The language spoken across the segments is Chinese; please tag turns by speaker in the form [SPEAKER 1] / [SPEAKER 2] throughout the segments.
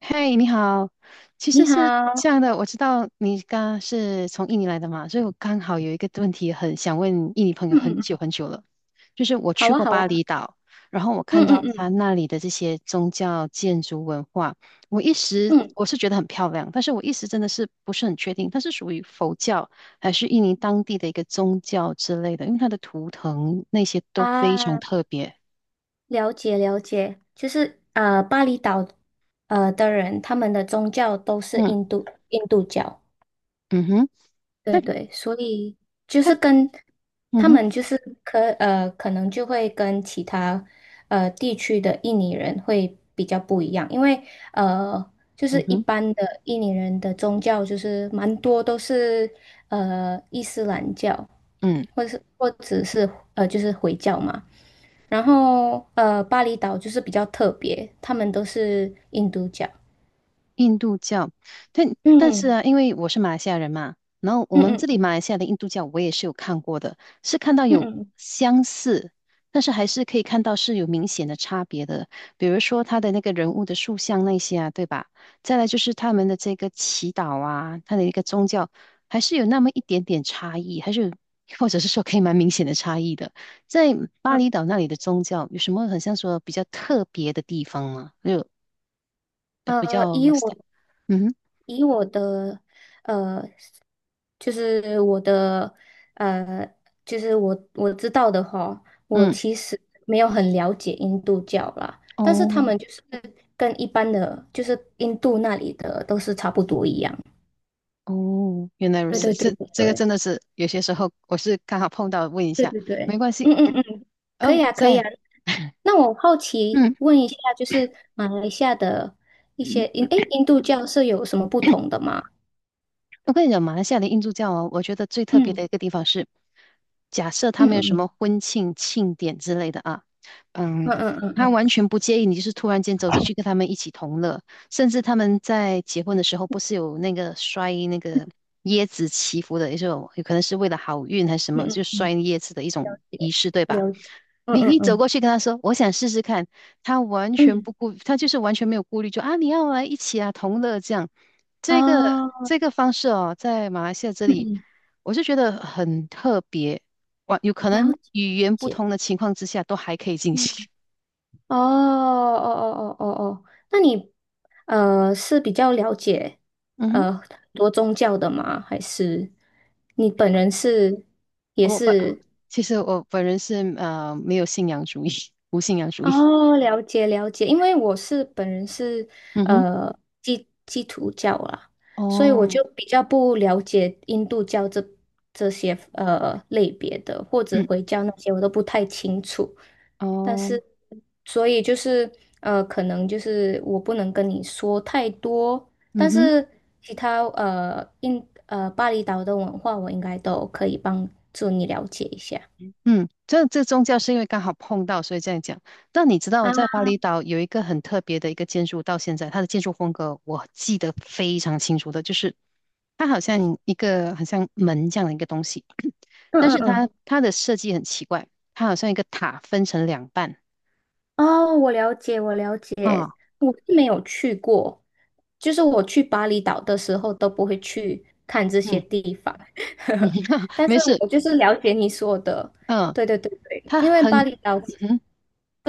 [SPEAKER 1] 嗨，你好。其实
[SPEAKER 2] 你
[SPEAKER 1] 是这
[SPEAKER 2] 好。
[SPEAKER 1] 样的，我知道你刚是从印尼来的嘛，所以我刚好有一个问题很想问印尼朋友
[SPEAKER 2] 嗯
[SPEAKER 1] 很
[SPEAKER 2] 嗯，
[SPEAKER 1] 久很久了，就是我
[SPEAKER 2] 好
[SPEAKER 1] 去
[SPEAKER 2] 啊，
[SPEAKER 1] 过
[SPEAKER 2] 好
[SPEAKER 1] 巴
[SPEAKER 2] 啊，
[SPEAKER 1] 厘岛，然后我看
[SPEAKER 2] 嗯
[SPEAKER 1] 到
[SPEAKER 2] 嗯
[SPEAKER 1] 他
[SPEAKER 2] 嗯
[SPEAKER 1] 那里的这些宗教建筑文化，我一时
[SPEAKER 2] 嗯，
[SPEAKER 1] 我是觉得很漂亮，但是我一时真的是不是很确定，它是属于佛教还是印尼当地的一个宗教之类的，因为它的图腾那些都非常
[SPEAKER 2] 啊，
[SPEAKER 1] 特别。
[SPEAKER 2] 了解了解。就是巴厘岛的人，他们的宗教都是
[SPEAKER 1] 嗯
[SPEAKER 2] 印度教，
[SPEAKER 1] 嗯哼，它
[SPEAKER 2] 对对，所以就
[SPEAKER 1] 它
[SPEAKER 2] 是跟
[SPEAKER 1] 嗯
[SPEAKER 2] 他
[SPEAKER 1] 哼
[SPEAKER 2] 们就是可能就会跟其他地区的印尼人会比较不一样，因为呃就是
[SPEAKER 1] 嗯
[SPEAKER 2] 一
[SPEAKER 1] 哼
[SPEAKER 2] 般的印尼人的宗教就是蛮多都是伊斯兰教，
[SPEAKER 1] 嗯。
[SPEAKER 2] 或者是就是回教嘛。然后巴厘岛就是比较特别，他们都是印度教。
[SPEAKER 1] 印度教。但是
[SPEAKER 2] 嗯
[SPEAKER 1] 啊，因为我是马来西亚人嘛，然后我们
[SPEAKER 2] 嗯
[SPEAKER 1] 这里
[SPEAKER 2] 嗯
[SPEAKER 1] 马来西亚的印度教我也是有看过的，是看到
[SPEAKER 2] 嗯
[SPEAKER 1] 有
[SPEAKER 2] 嗯
[SPEAKER 1] 相似，但是还是可以看到是有明显的差别的，比如说他的那个人物的塑像那些啊，对吧？再来就是他们的这个祈祷啊，他的一个宗教，还是有那么一点点差异，还是有或者是说可以蛮明显的差异的。在巴厘岛那里的宗教有什么很像说比较特别的地方吗？就呃
[SPEAKER 2] 嗯。
[SPEAKER 1] 比较
[SPEAKER 2] 以我
[SPEAKER 1] 嗯哼
[SPEAKER 2] 以我的呃，就是我的呃，就是我知道的话，我
[SPEAKER 1] 嗯，
[SPEAKER 2] 其实没有很了解印度教啦，但是
[SPEAKER 1] 哦
[SPEAKER 2] 他们就是跟一般的，就是印度那里的都是差不多一样。
[SPEAKER 1] 哦，原来如
[SPEAKER 2] 对，嗯，
[SPEAKER 1] 此，
[SPEAKER 2] 对对
[SPEAKER 1] 这
[SPEAKER 2] 对
[SPEAKER 1] 这个真
[SPEAKER 2] 对
[SPEAKER 1] 的是有些时候我是刚好碰到，问一
[SPEAKER 2] 对
[SPEAKER 1] 下，
[SPEAKER 2] 对
[SPEAKER 1] 没
[SPEAKER 2] 对。
[SPEAKER 1] 关系。
[SPEAKER 2] 嗯嗯嗯，可以
[SPEAKER 1] 嗯，
[SPEAKER 2] 啊，可以
[SPEAKER 1] 在
[SPEAKER 2] 啊。那我好奇
[SPEAKER 1] 嗯。
[SPEAKER 2] 问一下，就是马来西亚的一些印度教是有什么不同的吗？
[SPEAKER 1] 我跟你讲，马来西亚的印度教哦，我觉得最特别的
[SPEAKER 2] 嗯
[SPEAKER 1] 一个地方是，假设他
[SPEAKER 2] 嗯
[SPEAKER 1] 们有什
[SPEAKER 2] 嗯
[SPEAKER 1] 么婚庆庆典之类的啊，嗯，
[SPEAKER 2] 嗯嗯嗯
[SPEAKER 1] 他完
[SPEAKER 2] 嗯
[SPEAKER 1] 全不介意你就是突然间走进去跟他们一起同乐，甚至他们在结婚的时候不是有那个摔那个椰子祈福的一种，有可能是为了好运还是什
[SPEAKER 2] 嗯
[SPEAKER 1] 么，
[SPEAKER 2] 嗯
[SPEAKER 1] 就
[SPEAKER 2] 嗯。
[SPEAKER 1] 摔椰子的一种
[SPEAKER 2] 了解，
[SPEAKER 1] 仪式，对吧？
[SPEAKER 2] 嗯
[SPEAKER 1] 你
[SPEAKER 2] 嗯
[SPEAKER 1] 你走
[SPEAKER 2] 嗯
[SPEAKER 1] 过去跟他说，我想试试看，他完全
[SPEAKER 2] 嗯，
[SPEAKER 1] 不顾，他就是完全没有顾虑，就啊，你要来一起啊，同乐这样。这个
[SPEAKER 2] 哦，
[SPEAKER 1] 这个方式哦，在马来西亚这
[SPEAKER 2] 嗯
[SPEAKER 1] 里，
[SPEAKER 2] 嗯，嗯，
[SPEAKER 1] 我是觉得很特别。哇，有可
[SPEAKER 2] 了
[SPEAKER 1] 能语言不
[SPEAKER 2] 解，
[SPEAKER 1] 同的情况之下，都还可以进
[SPEAKER 2] 嗯，
[SPEAKER 1] 行。
[SPEAKER 2] 哦哦哦哦哦哦。那你是比较了解
[SPEAKER 1] 嗯哼，
[SPEAKER 2] 很多宗教的吗？还是你本人是也
[SPEAKER 1] 我不，
[SPEAKER 2] 是？
[SPEAKER 1] 其实我本人是没有信仰主义，无信仰主义。
[SPEAKER 2] 哦，了解了解。因为我本人是
[SPEAKER 1] 嗯哼，
[SPEAKER 2] 呃基督教啦，所以我
[SPEAKER 1] 哦，
[SPEAKER 2] 就比较不了解印度教这些类别的，或者
[SPEAKER 1] 嗯，
[SPEAKER 2] 回教那些我都不太清楚。但
[SPEAKER 1] 哦，
[SPEAKER 2] 是，所以就是可能就是我不能跟你说太多，
[SPEAKER 1] 嗯
[SPEAKER 2] 但
[SPEAKER 1] 哼。
[SPEAKER 2] 是其他呃印呃巴厘岛的文化，我应该都可以帮助你了解一下
[SPEAKER 1] 这宗教是因为刚好碰到，所以这样讲。那你知道在
[SPEAKER 2] 啊。
[SPEAKER 1] 巴厘岛有一个很特别的一个建筑，到现在它的建筑风格我记得非常清楚的，就是它好像一个好像门这样的一个东西，
[SPEAKER 2] 嗯
[SPEAKER 1] 但
[SPEAKER 2] 嗯
[SPEAKER 1] 是它
[SPEAKER 2] 嗯，
[SPEAKER 1] 它的设计很奇怪，它好像一个塔分成两半
[SPEAKER 2] 哦，我了解，我了解。
[SPEAKER 1] 啊，
[SPEAKER 2] 我是没有去过，就是我去巴厘岛的时候都不会去看这些
[SPEAKER 1] 嗯
[SPEAKER 2] 地方，
[SPEAKER 1] 嗯，
[SPEAKER 2] 但是
[SPEAKER 1] 没事，
[SPEAKER 2] 我就是了解你说的，
[SPEAKER 1] 嗯，
[SPEAKER 2] 对对对对，
[SPEAKER 1] 它
[SPEAKER 2] 因为巴
[SPEAKER 1] 很
[SPEAKER 2] 厘岛。
[SPEAKER 1] 嗯哼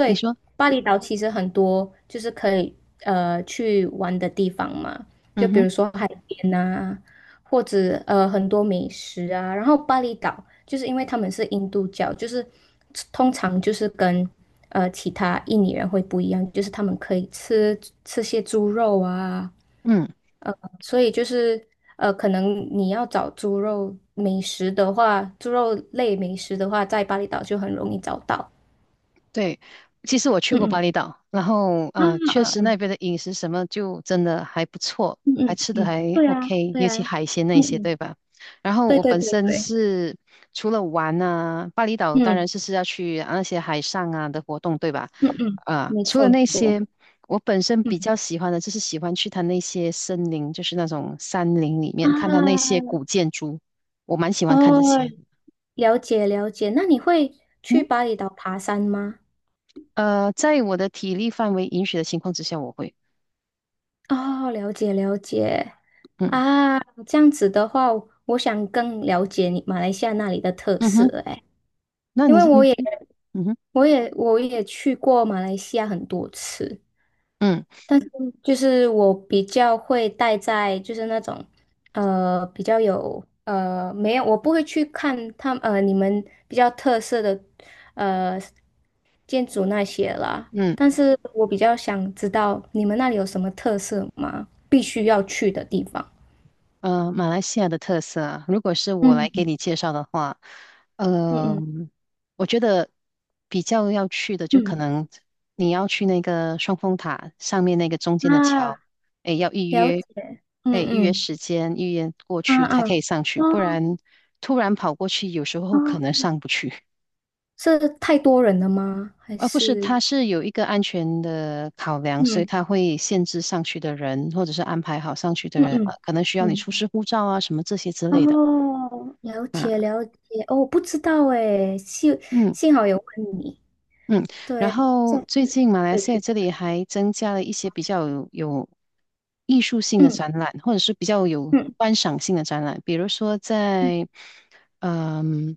[SPEAKER 1] 你说，
[SPEAKER 2] 巴厘岛其实很多就是可以去玩的地方嘛，就
[SPEAKER 1] 嗯
[SPEAKER 2] 比
[SPEAKER 1] 哼。
[SPEAKER 2] 如说海边啊，或者很多美食啊。然后巴厘岛就是因为他们是印度教，就是通常就是跟其他印尼人会不一样，就是他们可以吃些猪肉啊。
[SPEAKER 1] 嗯。
[SPEAKER 2] 呃，所以就是可能你要找猪肉美食的话，猪肉类美食的话，在巴厘岛就很容易找到。
[SPEAKER 1] 对，其实我去
[SPEAKER 2] 嗯
[SPEAKER 1] 过巴
[SPEAKER 2] 嗯。
[SPEAKER 1] 厘岛，然后
[SPEAKER 2] 啊，
[SPEAKER 1] 确
[SPEAKER 2] 啊，
[SPEAKER 1] 实那
[SPEAKER 2] 嗯
[SPEAKER 1] 边的饮食什么就真的还不错，
[SPEAKER 2] 嗯
[SPEAKER 1] 还
[SPEAKER 2] 嗯
[SPEAKER 1] 吃的
[SPEAKER 2] 嗯，
[SPEAKER 1] 还
[SPEAKER 2] 对啊
[SPEAKER 1] OK,
[SPEAKER 2] 对
[SPEAKER 1] 尤
[SPEAKER 2] 啊，
[SPEAKER 1] 其海鲜
[SPEAKER 2] 嗯
[SPEAKER 1] 那些，对
[SPEAKER 2] 嗯，
[SPEAKER 1] 吧？然后
[SPEAKER 2] 对
[SPEAKER 1] 我
[SPEAKER 2] 对
[SPEAKER 1] 本
[SPEAKER 2] 对
[SPEAKER 1] 身
[SPEAKER 2] 对，
[SPEAKER 1] 是除了玩啊，巴厘岛当
[SPEAKER 2] 嗯
[SPEAKER 1] 然是要去啊那些海上啊的活动，对吧？
[SPEAKER 2] 嗯嗯，
[SPEAKER 1] 啊、
[SPEAKER 2] 没
[SPEAKER 1] 除了
[SPEAKER 2] 错没
[SPEAKER 1] 那
[SPEAKER 2] 错，
[SPEAKER 1] 些，我本身比
[SPEAKER 2] 嗯，
[SPEAKER 1] 较喜欢的就是喜欢去它那些森林，就是那种山林里面看它那些
[SPEAKER 2] 啊，
[SPEAKER 1] 古建筑，我蛮喜
[SPEAKER 2] 哦，
[SPEAKER 1] 欢看这些的。
[SPEAKER 2] 了解了解。那你会
[SPEAKER 1] 嗯，
[SPEAKER 2] 去巴厘岛爬山吗？
[SPEAKER 1] 在我的体力范围允许的情况之下，我会。
[SPEAKER 2] 哦，了解了解
[SPEAKER 1] 嗯
[SPEAKER 2] 啊，这样子的话，我想更了解你马来西亚那里的特
[SPEAKER 1] 嗯
[SPEAKER 2] 色
[SPEAKER 1] 哼，
[SPEAKER 2] 诶。
[SPEAKER 1] 那
[SPEAKER 2] 因
[SPEAKER 1] 你
[SPEAKER 2] 为
[SPEAKER 1] 是
[SPEAKER 2] 我
[SPEAKER 1] 你
[SPEAKER 2] 也
[SPEAKER 1] 嗯哼
[SPEAKER 2] 我也我也去过马来西亚很多次，
[SPEAKER 1] 嗯
[SPEAKER 2] 但是就是我比较会待在就是那种呃比较有呃没有我不会去看你们比较特色的呃建筑那些啦，
[SPEAKER 1] 嗯
[SPEAKER 2] 但是我比较想知道你们那里有什么特色吗？必须要去的地方。
[SPEAKER 1] 马来西亚的特色啊，如果是我来给
[SPEAKER 2] 嗯
[SPEAKER 1] 你介绍的话，
[SPEAKER 2] 嗯
[SPEAKER 1] 呃，
[SPEAKER 2] 嗯
[SPEAKER 1] 我觉得比较要去的就可能你要去那个双峰塔上面那个中
[SPEAKER 2] 嗯，
[SPEAKER 1] 间的桥，
[SPEAKER 2] 啊，
[SPEAKER 1] 哎，要预
[SPEAKER 2] 了解。
[SPEAKER 1] 约，
[SPEAKER 2] 嗯
[SPEAKER 1] 哎，预约
[SPEAKER 2] 嗯，
[SPEAKER 1] 时间，预约过
[SPEAKER 2] 啊，
[SPEAKER 1] 去
[SPEAKER 2] 啊，
[SPEAKER 1] 才可以上去，
[SPEAKER 2] 哦
[SPEAKER 1] 不然突然跑过去，有时候可能
[SPEAKER 2] 哦，
[SPEAKER 1] 上不去。
[SPEAKER 2] 是太多人了吗？还
[SPEAKER 1] 不是，它
[SPEAKER 2] 是
[SPEAKER 1] 是有一个安全的考量，所以
[SPEAKER 2] 嗯
[SPEAKER 1] 它会限制上去的人，或者是安排好上去的
[SPEAKER 2] 嗯
[SPEAKER 1] 人，
[SPEAKER 2] 嗯
[SPEAKER 1] 可能需要你
[SPEAKER 2] 嗯。
[SPEAKER 1] 出示护照啊，什么这些之类的。
[SPEAKER 2] 哦，了
[SPEAKER 1] 啊，
[SPEAKER 2] 解了解。哦，不知道哎，幸
[SPEAKER 1] 嗯。
[SPEAKER 2] 幸好有问你，
[SPEAKER 1] 嗯，
[SPEAKER 2] 对
[SPEAKER 1] 然
[SPEAKER 2] 啊，这
[SPEAKER 1] 后最近马来
[SPEAKER 2] 可以
[SPEAKER 1] 西亚
[SPEAKER 2] 去。
[SPEAKER 1] 这里还增加了一些比较有艺术性的
[SPEAKER 2] 嗯
[SPEAKER 1] 展览，或者是比较有
[SPEAKER 2] 嗯
[SPEAKER 1] 观赏性的展览，比如说
[SPEAKER 2] 嗯
[SPEAKER 1] 嗯，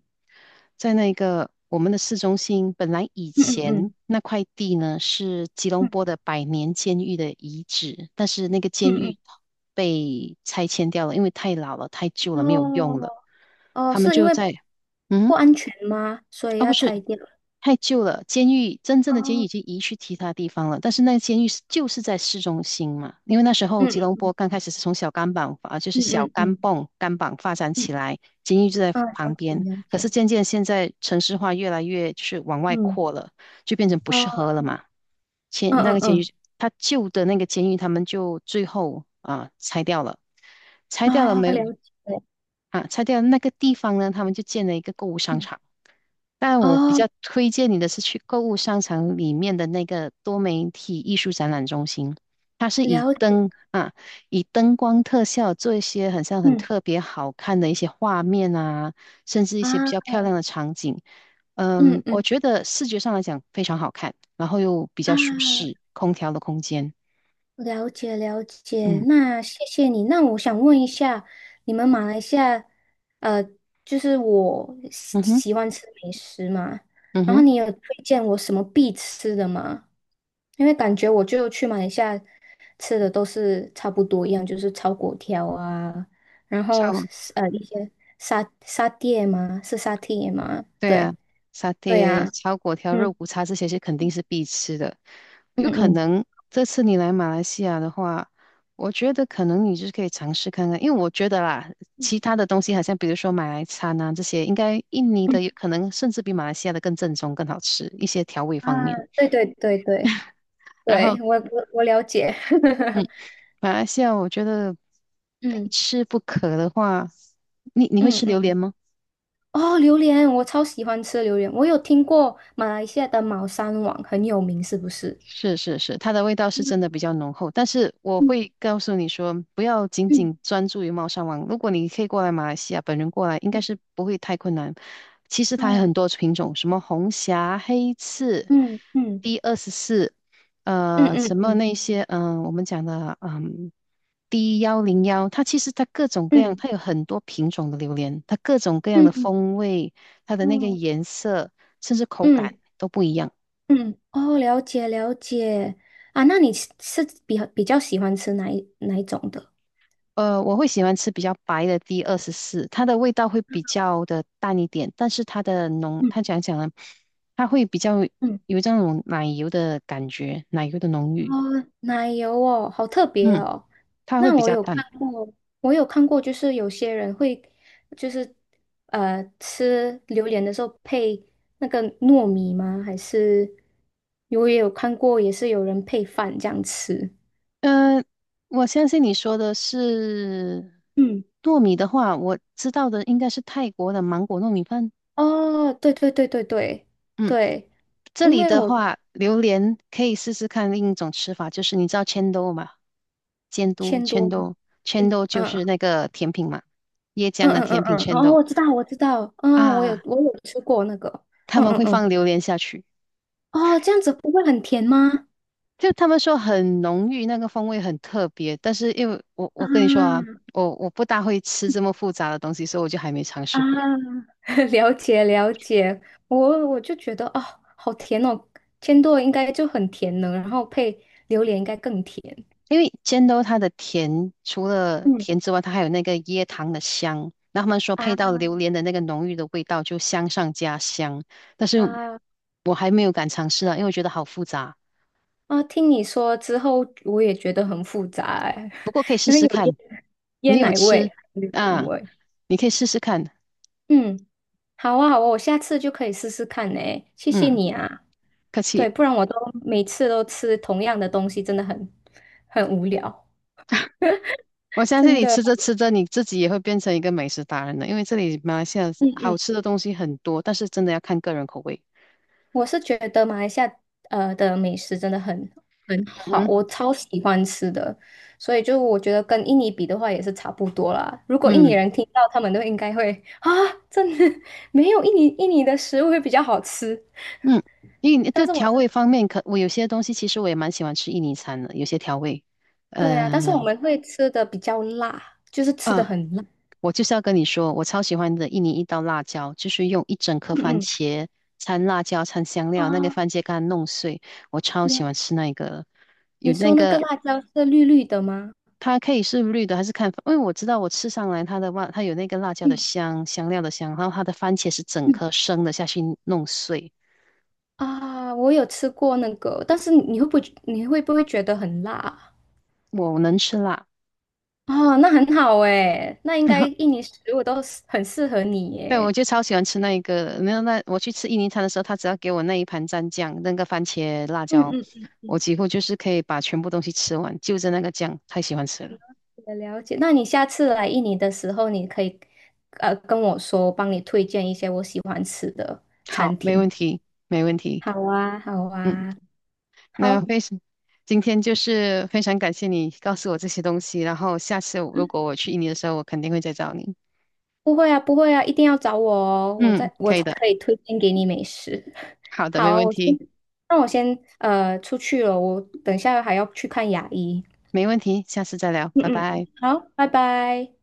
[SPEAKER 1] 在那个我们的市中心，本来以
[SPEAKER 2] 嗯
[SPEAKER 1] 前
[SPEAKER 2] 嗯
[SPEAKER 1] 那块地呢是吉隆坡
[SPEAKER 2] 嗯
[SPEAKER 1] 的百年监狱的遗址，但是那个监
[SPEAKER 2] 嗯
[SPEAKER 1] 狱被拆迁掉了，因为太老了、太旧了，
[SPEAKER 2] 嗯，
[SPEAKER 1] 没有用
[SPEAKER 2] 哦
[SPEAKER 1] 了，
[SPEAKER 2] 哦，
[SPEAKER 1] 他们
[SPEAKER 2] 是因
[SPEAKER 1] 就
[SPEAKER 2] 为
[SPEAKER 1] 在，
[SPEAKER 2] 不
[SPEAKER 1] 嗯，
[SPEAKER 2] 安全吗？所以
[SPEAKER 1] 啊不
[SPEAKER 2] 要
[SPEAKER 1] 是。
[SPEAKER 2] 拆掉？
[SPEAKER 1] 太旧了，监狱真正的监狱已
[SPEAKER 2] 哦，
[SPEAKER 1] 经移去其他地方了，但是那个监狱就是在市中心嘛，因为那时候吉
[SPEAKER 2] 嗯
[SPEAKER 1] 隆坡刚开始是从小甘榜啊，就是
[SPEAKER 2] 嗯
[SPEAKER 1] 小
[SPEAKER 2] 嗯
[SPEAKER 1] 甘
[SPEAKER 2] 嗯
[SPEAKER 1] 榜甘榜发展起
[SPEAKER 2] 嗯，
[SPEAKER 1] 来，监狱就在
[SPEAKER 2] 啊，了
[SPEAKER 1] 旁
[SPEAKER 2] 解
[SPEAKER 1] 边，
[SPEAKER 2] 了
[SPEAKER 1] 可
[SPEAKER 2] 解，
[SPEAKER 1] 是渐渐现在城市化越来越就是往外
[SPEAKER 2] 嗯，
[SPEAKER 1] 扩了，就变成不适
[SPEAKER 2] 哦，
[SPEAKER 1] 合了嘛。
[SPEAKER 2] 嗯
[SPEAKER 1] 前那个
[SPEAKER 2] 嗯
[SPEAKER 1] 监狱，
[SPEAKER 2] 嗯，
[SPEAKER 1] 他旧的那个监狱，他们就最后啊拆掉了，拆掉了
[SPEAKER 2] 啊，
[SPEAKER 1] 没有
[SPEAKER 2] 了解，
[SPEAKER 1] 啊？拆掉了那个地方呢，他们就建了一个购物商
[SPEAKER 2] 嗯，
[SPEAKER 1] 场。但我比
[SPEAKER 2] 哦，
[SPEAKER 1] 较推荐你的是去购物商场里面的那个多媒体艺术展览中心，它是以
[SPEAKER 2] 了解，
[SPEAKER 1] 灯啊，以灯光特效做一些很像很
[SPEAKER 2] 嗯，
[SPEAKER 1] 特别好看的一些画面啊，甚至一
[SPEAKER 2] 啊，
[SPEAKER 1] 些比较漂亮的场景。
[SPEAKER 2] 嗯
[SPEAKER 1] 嗯，我
[SPEAKER 2] 嗯
[SPEAKER 1] 觉得视觉上来讲非常好看，然后又比较舒
[SPEAKER 2] 啊。
[SPEAKER 1] 适，空调的空间。
[SPEAKER 2] 了解了解，
[SPEAKER 1] 嗯
[SPEAKER 2] 那谢谢你。那我想问一下，你们马来西亚，呃，就是我喜
[SPEAKER 1] 嗯哼
[SPEAKER 2] 喜欢吃美食嘛，
[SPEAKER 1] 嗯
[SPEAKER 2] 然后
[SPEAKER 1] 哼，
[SPEAKER 2] 你有推荐我什么必吃的吗？因为感觉我就去马来西亚吃的都是差不多一样，就是炒粿条啊，然后
[SPEAKER 1] 超。
[SPEAKER 2] 是一些沙爹吗？是沙爹吗？
[SPEAKER 1] 对
[SPEAKER 2] 对，
[SPEAKER 1] 啊，沙
[SPEAKER 2] 对
[SPEAKER 1] 爹、
[SPEAKER 2] 啊，
[SPEAKER 1] 炒粿条、肉
[SPEAKER 2] 嗯
[SPEAKER 1] 骨茶这些是肯定是必吃的。
[SPEAKER 2] 嗯
[SPEAKER 1] 有可
[SPEAKER 2] 嗯
[SPEAKER 1] 能这次你来马来西亚的话，我觉得可能你就是可以尝试看看，因为我觉得啦，其
[SPEAKER 2] 嗯，
[SPEAKER 1] 他的东西好像比如说马来餐啊这些，应该印尼的有可能甚至比马来西亚的更正宗、更好吃一些调味
[SPEAKER 2] 啊，
[SPEAKER 1] 方面。
[SPEAKER 2] 对对对对。
[SPEAKER 1] 然后，
[SPEAKER 2] 对，我了解。
[SPEAKER 1] 嗯，马来西亚我觉得非
[SPEAKER 2] 嗯
[SPEAKER 1] 吃不可的话，你会
[SPEAKER 2] 嗯
[SPEAKER 1] 吃榴
[SPEAKER 2] 嗯，
[SPEAKER 1] 莲吗？
[SPEAKER 2] 哦，榴莲，我超喜欢吃榴莲。我有听过马来西亚的猫山王很有名，是不是？
[SPEAKER 1] 是是是，它的味道是真的
[SPEAKER 2] 嗯
[SPEAKER 1] 比较浓厚，但是我
[SPEAKER 2] 嗯
[SPEAKER 1] 会告诉你说，不要仅
[SPEAKER 2] 嗯
[SPEAKER 1] 仅专注于猫山王。如果你可以过来马来西亚，本人过来应该
[SPEAKER 2] 嗯，
[SPEAKER 1] 是不会太困难。其实它还有很
[SPEAKER 2] 啊，
[SPEAKER 1] 多品种，什么红霞、黑刺、
[SPEAKER 2] 嗯嗯
[SPEAKER 1] D 二十四，
[SPEAKER 2] 嗯
[SPEAKER 1] 什
[SPEAKER 2] 嗯
[SPEAKER 1] 么
[SPEAKER 2] 嗯
[SPEAKER 1] 那些，我们讲的，D101，其实它各种各样，
[SPEAKER 2] 嗯
[SPEAKER 1] 它有很多品种的榴莲，它各种各样
[SPEAKER 2] 嗯
[SPEAKER 1] 的
[SPEAKER 2] 嗯，
[SPEAKER 1] 风味，它的那个
[SPEAKER 2] 哦，
[SPEAKER 1] 颜色，甚至口感
[SPEAKER 2] 嗯
[SPEAKER 1] 都不一样。
[SPEAKER 2] 嗯，哦，了解了解。啊，那你是比较喜欢吃哪一种的？
[SPEAKER 1] 我会喜欢吃比较白的 D 二十四，它的味道会比较的淡一点，但是它的浓，
[SPEAKER 2] 嗯
[SPEAKER 1] 它讲讲呢，它会比较
[SPEAKER 2] 嗯，
[SPEAKER 1] 有这种奶油的感觉，奶油的浓
[SPEAKER 2] 哦，
[SPEAKER 1] 郁，
[SPEAKER 2] 奶油哦，好特别
[SPEAKER 1] 嗯，
[SPEAKER 2] 哦。
[SPEAKER 1] 它会
[SPEAKER 2] 那
[SPEAKER 1] 比
[SPEAKER 2] 我
[SPEAKER 1] 较
[SPEAKER 2] 有看
[SPEAKER 1] 淡。
[SPEAKER 2] 过，就是有些人会，就是吃榴莲的时候配那个糯米吗？还是我也有看过，也是有人配饭这样吃。
[SPEAKER 1] 嗯、我相信你说的是
[SPEAKER 2] 嗯，
[SPEAKER 1] 糯米的话，我知道的应该是泰国的芒果糯米饭，
[SPEAKER 2] 哦，对对对对对
[SPEAKER 1] 嗯。
[SPEAKER 2] 对，
[SPEAKER 1] 这
[SPEAKER 2] 因
[SPEAKER 1] 里
[SPEAKER 2] 为
[SPEAKER 1] 的
[SPEAKER 2] 我
[SPEAKER 1] 话，榴莲可以试试看另一种吃法，就是你知道千豆吗？监督
[SPEAKER 2] 千多
[SPEAKER 1] 千
[SPEAKER 2] 嘛。
[SPEAKER 1] 豆，千
[SPEAKER 2] 千
[SPEAKER 1] 豆就
[SPEAKER 2] 嗯
[SPEAKER 1] 是那个甜品嘛，椰
[SPEAKER 2] 嗯
[SPEAKER 1] 浆的
[SPEAKER 2] 嗯嗯
[SPEAKER 1] 甜品
[SPEAKER 2] 嗯，
[SPEAKER 1] 千
[SPEAKER 2] 哦，
[SPEAKER 1] 豆
[SPEAKER 2] 我知道我知道，嗯，我有
[SPEAKER 1] 啊，
[SPEAKER 2] 我有吃过那个，
[SPEAKER 1] 他
[SPEAKER 2] 嗯
[SPEAKER 1] 们
[SPEAKER 2] 嗯
[SPEAKER 1] 会
[SPEAKER 2] 嗯，
[SPEAKER 1] 放榴莲下去，
[SPEAKER 2] 哦，这样子不会很甜吗？
[SPEAKER 1] 就他们说很浓郁，那个风味很特别。但是因为我跟你说啊，
[SPEAKER 2] 啊，
[SPEAKER 1] 我不大会吃这么复杂的东西，所以我就还没尝
[SPEAKER 2] 啊。
[SPEAKER 1] 试过。
[SPEAKER 2] 了解了解，我就觉得哦，好甜哦，千朵应该就很甜呢，然后配榴莲应该更甜。
[SPEAKER 1] 因为煎豆它的甜，除了
[SPEAKER 2] 嗯，
[SPEAKER 1] 甜之外，它还有那个椰糖的香。那他们说配到
[SPEAKER 2] 啊，
[SPEAKER 1] 榴莲的那个浓郁的味道，就香上加香。但是
[SPEAKER 2] 啊，
[SPEAKER 1] 我还没有敢尝试啊，因为我觉得好复杂。
[SPEAKER 2] 啊！听你说之后，我也觉得很复杂哎。
[SPEAKER 1] 不过可以 试
[SPEAKER 2] 因为
[SPEAKER 1] 试
[SPEAKER 2] 有
[SPEAKER 1] 看，
[SPEAKER 2] 椰椰
[SPEAKER 1] 你有
[SPEAKER 2] 奶味、
[SPEAKER 1] 吃
[SPEAKER 2] 榴莲
[SPEAKER 1] 啊？
[SPEAKER 2] 味。
[SPEAKER 1] 你可以试试看。
[SPEAKER 2] 嗯，好啊好啊，我下次就可以试试看呢，谢谢
[SPEAKER 1] 嗯，
[SPEAKER 2] 你啊。
[SPEAKER 1] 客
[SPEAKER 2] 对，
[SPEAKER 1] 气。
[SPEAKER 2] 不然我都每次都吃同样的东西，真的很无聊。
[SPEAKER 1] 我相信
[SPEAKER 2] 真
[SPEAKER 1] 你
[SPEAKER 2] 的。
[SPEAKER 1] 吃着吃着，你自己也会变成一个美食达人的。因为这里马来西亚
[SPEAKER 2] 嗯嗯。
[SPEAKER 1] 好吃的东西很多，但是真的要看个人口味。
[SPEAKER 2] 我是觉得马来西亚的美食真的很好，
[SPEAKER 1] 嗯哼，
[SPEAKER 2] 我超喜欢吃的，所以就我觉得跟印尼比的话也是差不多啦。如果印尼
[SPEAKER 1] 嗯。
[SPEAKER 2] 人听到，他们都应该会啊，真的没有印尼的食物会比较好吃。
[SPEAKER 1] 嗯，印尼
[SPEAKER 2] 但
[SPEAKER 1] 的
[SPEAKER 2] 是
[SPEAKER 1] 调味方面可，我有些东西其实我也蛮喜欢吃印尼餐的，有些调味，
[SPEAKER 2] 对啊，
[SPEAKER 1] 呃
[SPEAKER 2] 但是我们会吃的比较辣，就是吃的
[SPEAKER 1] 呃，
[SPEAKER 2] 很辣。
[SPEAKER 1] 我就是要跟你说，我超喜欢的印尼一道辣椒，就是用一整颗番
[SPEAKER 2] 嗯
[SPEAKER 1] 茄掺辣椒掺香
[SPEAKER 2] 嗯，
[SPEAKER 1] 料，那个
[SPEAKER 2] 啊，
[SPEAKER 1] 番茄干弄碎，我超喜欢
[SPEAKER 2] 你
[SPEAKER 1] 吃那个，
[SPEAKER 2] 你
[SPEAKER 1] 有那
[SPEAKER 2] 说那个
[SPEAKER 1] 个
[SPEAKER 2] 辣椒是绿绿的吗？
[SPEAKER 1] 它可以是绿的还是看，因为我知道我吃上来它的辣，它有那个辣椒的
[SPEAKER 2] 嗯
[SPEAKER 1] 香，香料的香，然后它的番茄是整
[SPEAKER 2] 嗯，
[SPEAKER 1] 颗生的下去弄碎，
[SPEAKER 2] 啊，我有吃过那个，但是你会不会觉得很辣啊？
[SPEAKER 1] 我能吃辣。
[SPEAKER 2] 哦，那很好诶，那应该印尼食物都是很适合你
[SPEAKER 1] 对，我
[SPEAKER 2] 耶。
[SPEAKER 1] 就超喜欢吃那一个的。没有那我去吃印尼餐的时候，他只要给我那一盘蘸酱，那个番茄辣
[SPEAKER 2] 嗯
[SPEAKER 1] 椒，
[SPEAKER 2] 嗯嗯嗯，
[SPEAKER 1] 我几乎就是可以把全部东西吃完，就着那个酱，太喜欢吃了。
[SPEAKER 2] 了解了解。那你下次来印尼的时候，你可以跟我说，我帮你推荐一些我喜欢吃的
[SPEAKER 1] 好，
[SPEAKER 2] 餐
[SPEAKER 1] 没
[SPEAKER 2] 厅。
[SPEAKER 1] 问题，没问题。
[SPEAKER 2] 好啊，好
[SPEAKER 1] 嗯，
[SPEAKER 2] 啊，
[SPEAKER 1] 那
[SPEAKER 2] 好。
[SPEAKER 1] 非常，今天就是非常感谢你告诉我这些东西，然后下次如果我去印尼的时候，我肯定会再找你。
[SPEAKER 2] 不会啊，不会啊，一定要找我哦，
[SPEAKER 1] 嗯，
[SPEAKER 2] 我
[SPEAKER 1] 可以
[SPEAKER 2] 才
[SPEAKER 1] 的，
[SPEAKER 2] 可以推荐给你美食。
[SPEAKER 1] 好 的，
[SPEAKER 2] 好
[SPEAKER 1] 没
[SPEAKER 2] 啊，
[SPEAKER 1] 问题，
[SPEAKER 2] 那我先出去了，我等一下还要去看牙医。
[SPEAKER 1] 没问题，下次再聊，
[SPEAKER 2] 嗯
[SPEAKER 1] 拜
[SPEAKER 2] 嗯。
[SPEAKER 1] 拜。
[SPEAKER 2] 好，拜拜。